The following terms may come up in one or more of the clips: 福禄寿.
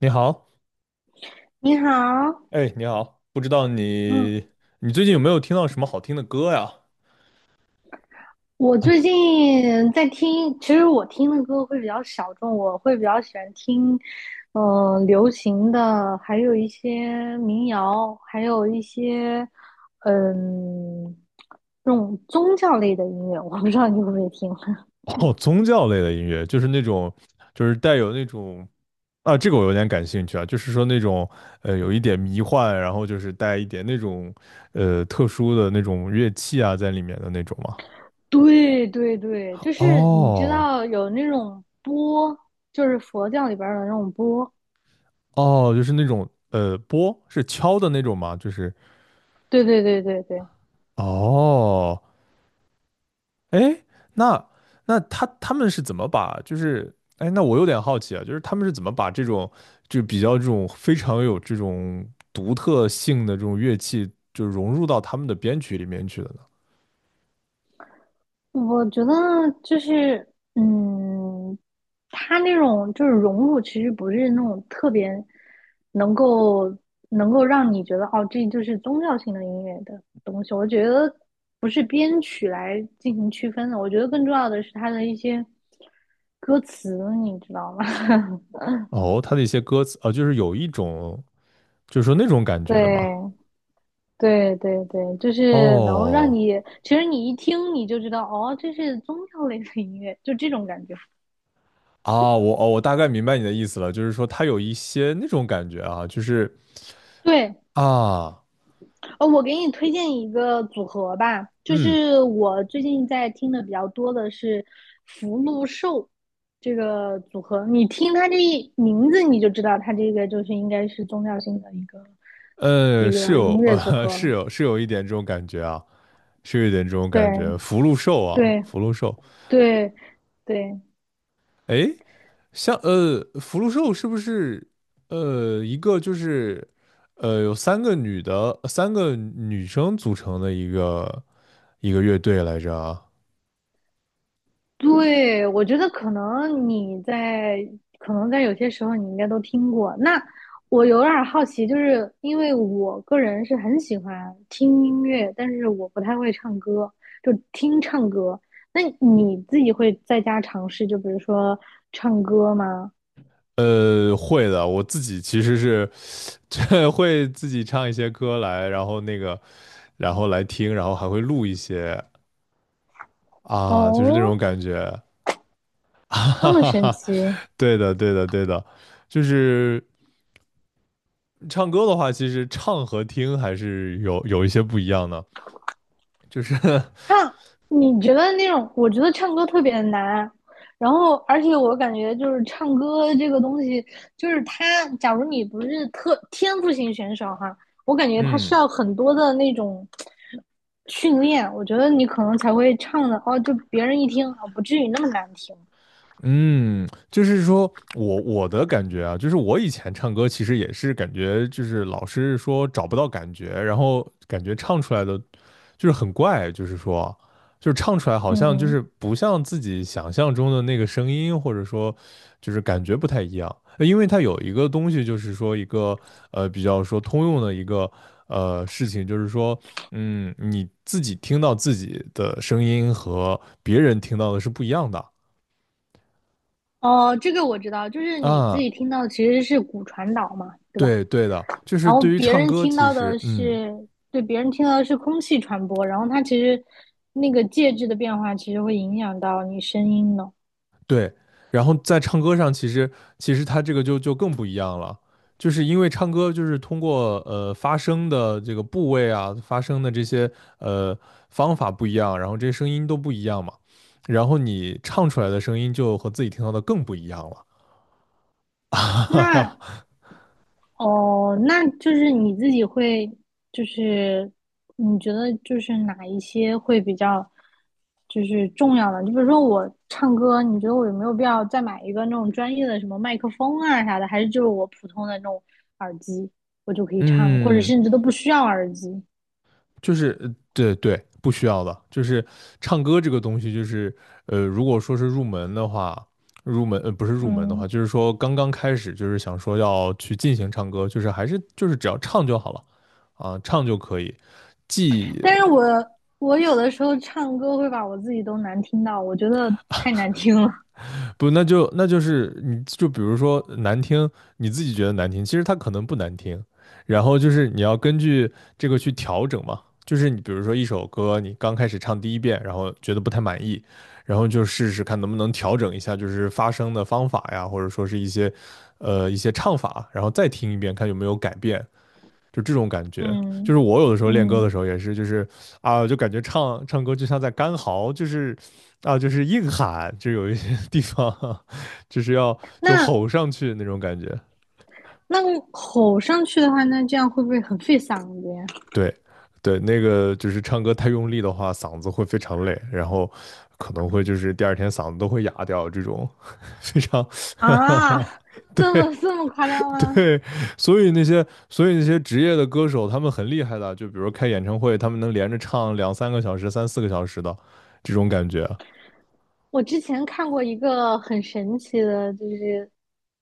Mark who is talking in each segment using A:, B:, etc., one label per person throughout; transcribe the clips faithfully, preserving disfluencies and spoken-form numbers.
A: 你好。
B: 你好，
A: 哎，你好。不知道
B: 嗯，
A: 你你最近有没有听到什么好听的歌呀？
B: 我最近在听，其实我听的歌会比较小众，我会比较喜欢听，嗯、呃流行的，还有一些民谣，还有一些，嗯，这种宗教类的音乐，我不知道你会不会听。
A: 哦，宗教类的音乐，就是那种，就是带有那种，啊，这个我有点感兴趣啊，就是说那种呃，有一点迷幻，然后就是带一点那种呃特殊的那种乐器啊在里面的那种嘛。
B: 对对对，就是你知
A: 哦
B: 道有那种钵，就是佛教里边儿的那种钵。
A: 哦，就是那种呃拨是敲的那种吗？就是，
B: 对对对对对，
A: 哦，哎，那那他他们是怎么把就是哎，那我有点好奇啊，就是他们是怎么把这种就比较这种非常有这种独特性的这种乐器，就融入到他们的编曲里面去的呢？
B: 我觉得就是，嗯，他那种就是融入，其实不是那种特别能够能够让你觉得哦，这就是宗教性的音乐的东西。我觉得不是编曲来进行区分的，我觉得更重要的是它的一些歌词，你知道吗？
A: 哦，他的一些歌词啊，就是有一种就是说那种感觉的嘛。
B: 对对对对，就是能让
A: 哦，
B: 你，其实你一听你就知道，哦，这是宗教类的音乐，就这种感觉。
A: 啊，我哦，我大概明白你的意思了，就是说他有一些那种感觉啊，就是
B: 对。
A: 啊。
B: 哦，我给你推荐一个组合吧，就
A: 嗯，
B: 是我最近在听的比较多的是福禄寿这个组合。你听它这一名字，你就知道它这个就是应该是宗教性的一个
A: 呃，
B: 一
A: 是
B: 个
A: 有
B: 音乐组
A: 呃
B: 合了。
A: 是有是有一点这种感觉啊。是有点这种感
B: 对
A: 觉。福禄寿啊，
B: 对
A: 福禄寿。
B: 对对，
A: 哎，像呃，福禄寿是不是呃一个就是呃有三个女的，三个女生组成的一个一个乐队来着啊？
B: 对，我觉得可能你在，可能在有些时候你应该都听过。那我有点儿好奇，就是因为我个人是很喜欢听音乐，但是我不太会唱歌，就听唱歌。那你自己会在家尝试，就比如说唱歌吗？
A: 呃，会的，我自己其实是 会自己唱一些歌来，然后那个，然后来听，然后还会录一些啊，就是那种
B: 哦，
A: 感觉。哈
B: 这
A: 哈
B: 么
A: 哈
B: 神
A: 哈。
B: 奇。
A: 对的，对的，对的。就是唱歌的话，其实唱和听还是有有一些不一样的，就是
B: 唱，你觉得那种？我觉得唱歌特别难，然后而且我感觉就是唱歌这个东西，就是他，假如你不是特天赋型选手哈，我感觉他需
A: 嗯。
B: 要很多的那种训练，我觉得你可能才会唱的哦，就别人一听啊，不至于那么难听。
A: 嗯，就是说我我的感觉啊，就是我以前唱歌其实也是感觉，就是老是说找不到感觉，然后感觉唱出来的就是很怪，就是说，就是唱出来好像就
B: 嗯，
A: 是不像自己想象中的那个声音，或者说就是感觉不太一样。呃因为它有一个东西，就是说一个呃比较说通用的一个呃事情，就是说，嗯，你自己听到自己的声音和别人听到的是不一样的。
B: 哦，这个我知道，就是你自
A: 啊，
B: 己听到其实是骨传导嘛，对吧？
A: 对对的，就是
B: 然后
A: 对于
B: 别
A: 唱
B: 人
A: 歌，
B: 听
A: 其
B: 到的
A: 实嗯。
B: 是，对，别人听到的是空气传播，然后它其实那个介质的变化其实会影响到你声音的。
A: 对，然后在唱歌上，其实其实他这个就就更不一样了，就是因为唱歌就是通过呃发声的这个部位啊，发声的这些呃方法不一样，然后这些声音都不一样嘛，然后你唱出来的声音就和自己听到的更不一样了。
B: 那 哦，那就是你自己会，就是你觉得就是哪一些会比较就是重要的？就比如说我唱歌，你觉得我有没有必要再买一个那种专业的什么麦克风啊啥的，还是就是我普通的那种耳机我就可以唱，或者
A: 嗯，
B: 甚至都不需要耳机？
A: 就是呃对对，不需要的。就是唱歌这个东西，就是呃，如果说是入门的话，入门呃不是入门的话，
B: 嗯。
A: 就是说刚刚开始，就是想说要去进行唱歌，就是还是就是只要唱就好了啊，唱就可以，既。
B: 但是我我有的时候唱歌会把我自己都难听到，我觉得太难听了。
A: 不，那就那就是你就比如说难听，你自己觉得难听，其实它可能不难听，然后就是你要根据这个去调整嘛。就是你比如说一首歌，你刚开始唱第一遍，然后觉得不太满意，然后就试试看能不能调整一下，就是发声的方法呀，或者说是一些呃一些唱法，然后再听一遍，看有没有改变。就这种感 觉。就是
B: 嗯
A: 我有的时候练歌
B: 嗯，
A: 的时候也是，就是啊，就感觉唱唱歌就像在干嚎，就是啊，就是硬喊，就有一些地方 就是要就
B: 那
A: 吼上去那种感觉。
B: 那吼上去的话，那这样会不会很费嗓子呀？
A: 对，对，那个就是唱歌太用力的话，嗓子会非常累，然后可能会就是第二天嗓子都会哑掉，这种非常
B: 啊，这
A: 对。
B: 么这么夸张吗？
A: 对，所以那些所以那些职业的歌手，他们很厉害的，就比如开演唱会，他们能连着唱两三个小时、三四个小时的这种感觉。
B: 我之前看过一个很神奇的，就是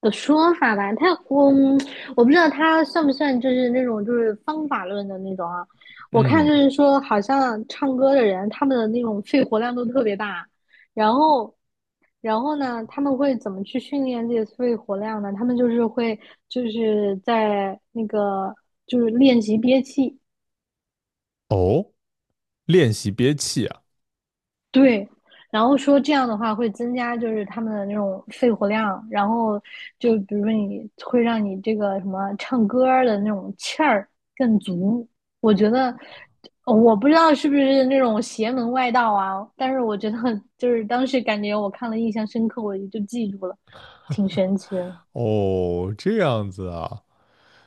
B: 的说法吧，他我嗯我不知道他算不算就是那种就是方法论的那种啊。我看
A: 嗯，
B: 就是说，好像唱歌的人他们的那种肺活量都特别大，然后然后呢，他们会怎么去训练自己的肺活量呢？他们就是会就是在那个就是练习憋气。
A: 哦，练习憋气啊。
B: 对，然后说这样的话会增加就是他们的那种肺活量，然后就比如说你会让你这个什么唱歌儿的那种气儿更足。我觉得呃我不知道是不是那种邪门外道啊，但是我觉得就是当时感觉我看了印象深刻，我也就记住了，挺神奇的。
A: 哦，这样子啊，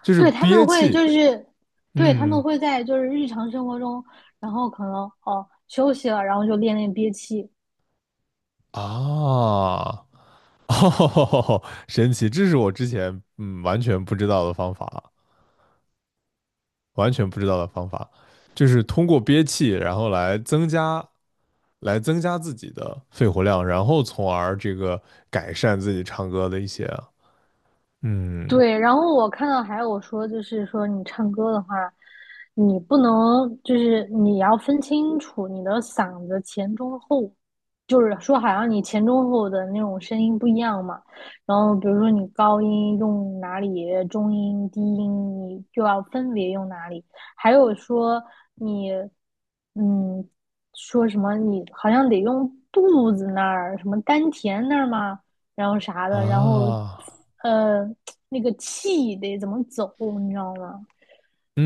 A: 就是
B: 对，他们
A: 憋
B: 会
A: 气。
B: 就是，对，他们
A: 嗯，
B: 会在就是日常生活中，然后可能哦休息了，然后就练练憋气，
A: 啊，哦，神奇，这是我之前嗯完全不知道的方法，完全不知道的方法，就是通过憋气，然后来增加来增加自己的肺活量，然后从而这个改善自己唱歌的一些，嗯，
B: 对，然后我看到还有说，就是说你唱歌的话，你不能就是你要分清楚你的嗓子前中后，就是说好像你前中后的那种声音不一样嘛。然后比如说你高音用哪里，中音、低音你就要分别用哪里。还有说你，嗯，说什么你好像得用肚子那儿，什么丹田那儿吗？然后啥的，然后
A: 啊，
B: 呃那个气得怎么走，你知道吗？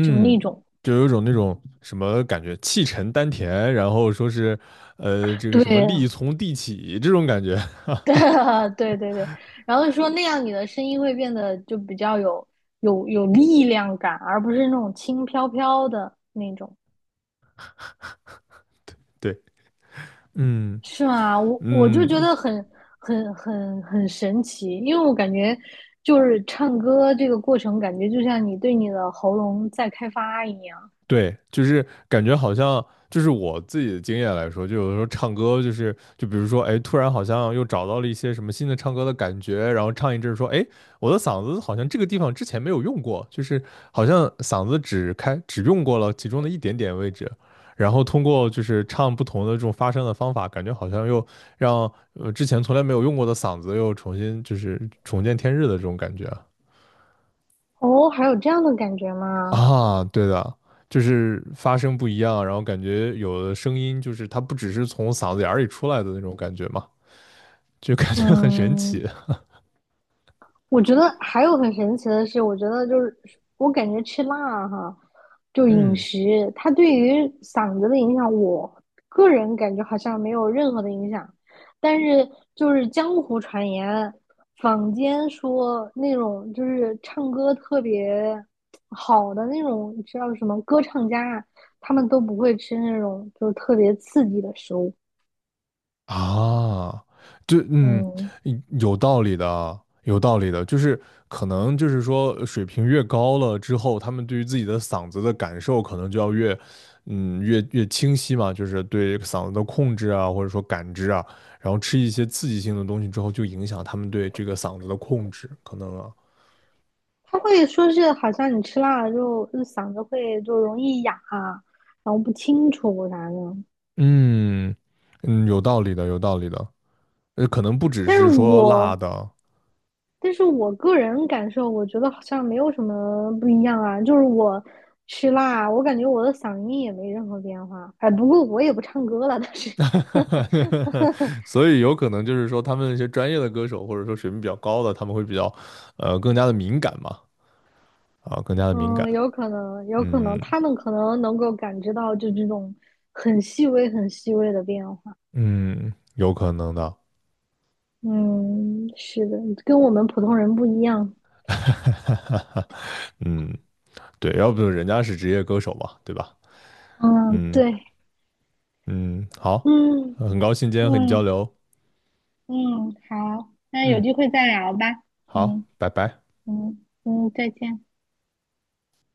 B: 就那种，
A: 就有一种那种什么感觉，气沉丹田，然后说是，呃，这个
B: 对
A: 什么 力从地起这种感觉。
B: 对对对对，然后说那样你的声音会变得就比较有有有力量感，而不是那种轻飘飘的那种，
A: 对对。嗯，
B: 是吗？我我就觉
A: 嗯，
B: 得很很很很神奇，因为我感觉就是唱歌这个过程，感觉就像你对你的喉咙在开发一样。
A: 对，就是感觉好像，就是我自己的经验来说，就有的时候唱歌，就是就比如说，哎，突然好像又找到了一些什么新的唱歌的感觉，然后唱一阵儿说，哎，我的嗓子好像这个地方之前没有用过，就是好像嗓子只开只用过了其中的一点点位置，然后通过就是唱不同的这种发声的方法，感觉好像又让呃之前从来没有用过的嗓子又重新就是重见天日的这种感觉啊。
B: 哦，还有这样的感觉吗？
A: 啊，对的，就是发声不一样，然后感觉有的声音就是它不只是从嗓子眼儿里出来的那种感觉嘛，就感觉很神
B: 嗯，
A: 奇。
B: 我觉得还有很神奇的是，我觉得就是我感觉吃辣哈，就饮
A: 嗯，
B: 食，它对于嗓子的影响，我个人感觉好像没有任何的影响，但是就是江湖传言，坊间说那种就是唱歌特别好的那种，你知道什么歌唱家，他们都不会吃那种就是特别刺激的食物。
A: 啊。对，嗯，
B: 嗯。
A: 嗯有道理的，有道理的，就是可能就是说呃水平越高了之后，他们对于自己的嗓子的感受可能就要越，嗯，越越清晰嘛，就是对嗓子的控制啊，或者说感知啊，然后吃一些刺激性的东西之后，就影响他们对这个嗓子的控制，可能啊。
B: 他会说是好像你吃辣了之后，就嗓子会就容易哑啊，然后不清楚啥的。
A: 嗯，嗯，有道理的，有道理的。呃，可能不只
B: 但是
A: 是说辣
B: 我，
A: 的。
B: 但是我个人感受，我觉得好像没有什么不一样啊。就是我吃辣，我感觉我的嗓音也没任何变化。哎，不过我也不唱歌了，但是，
A: 所以有可能就是说他们那些专业的歌手，或者说水平比较高的，他们会比较，呃，更加的敏感嘛，啊，更加的敏感。
B: 嗯，有可能，有可能
A: 嗯，
B: 他们可能能够感知到就这种很细微、很细微的变化。
A: 嗯，有可能的。
B: 嗯，是的，跟我们普通人不一样。
A: 嗯，对，要不人家是职业歌手嘛，对吧？
B: 嗯，
A: 嗯，
B: 对，
A: 嗯，好，
B: 嗯。
A: 呃很高兴今天和你交
B: 嗯
A: 流。
B: 嗯，好，那有
A: 嗯，
B: 机会再聊吧。
A: 好，
B: 嗯
A: 拜拜。
B: 嗯嗯，再见。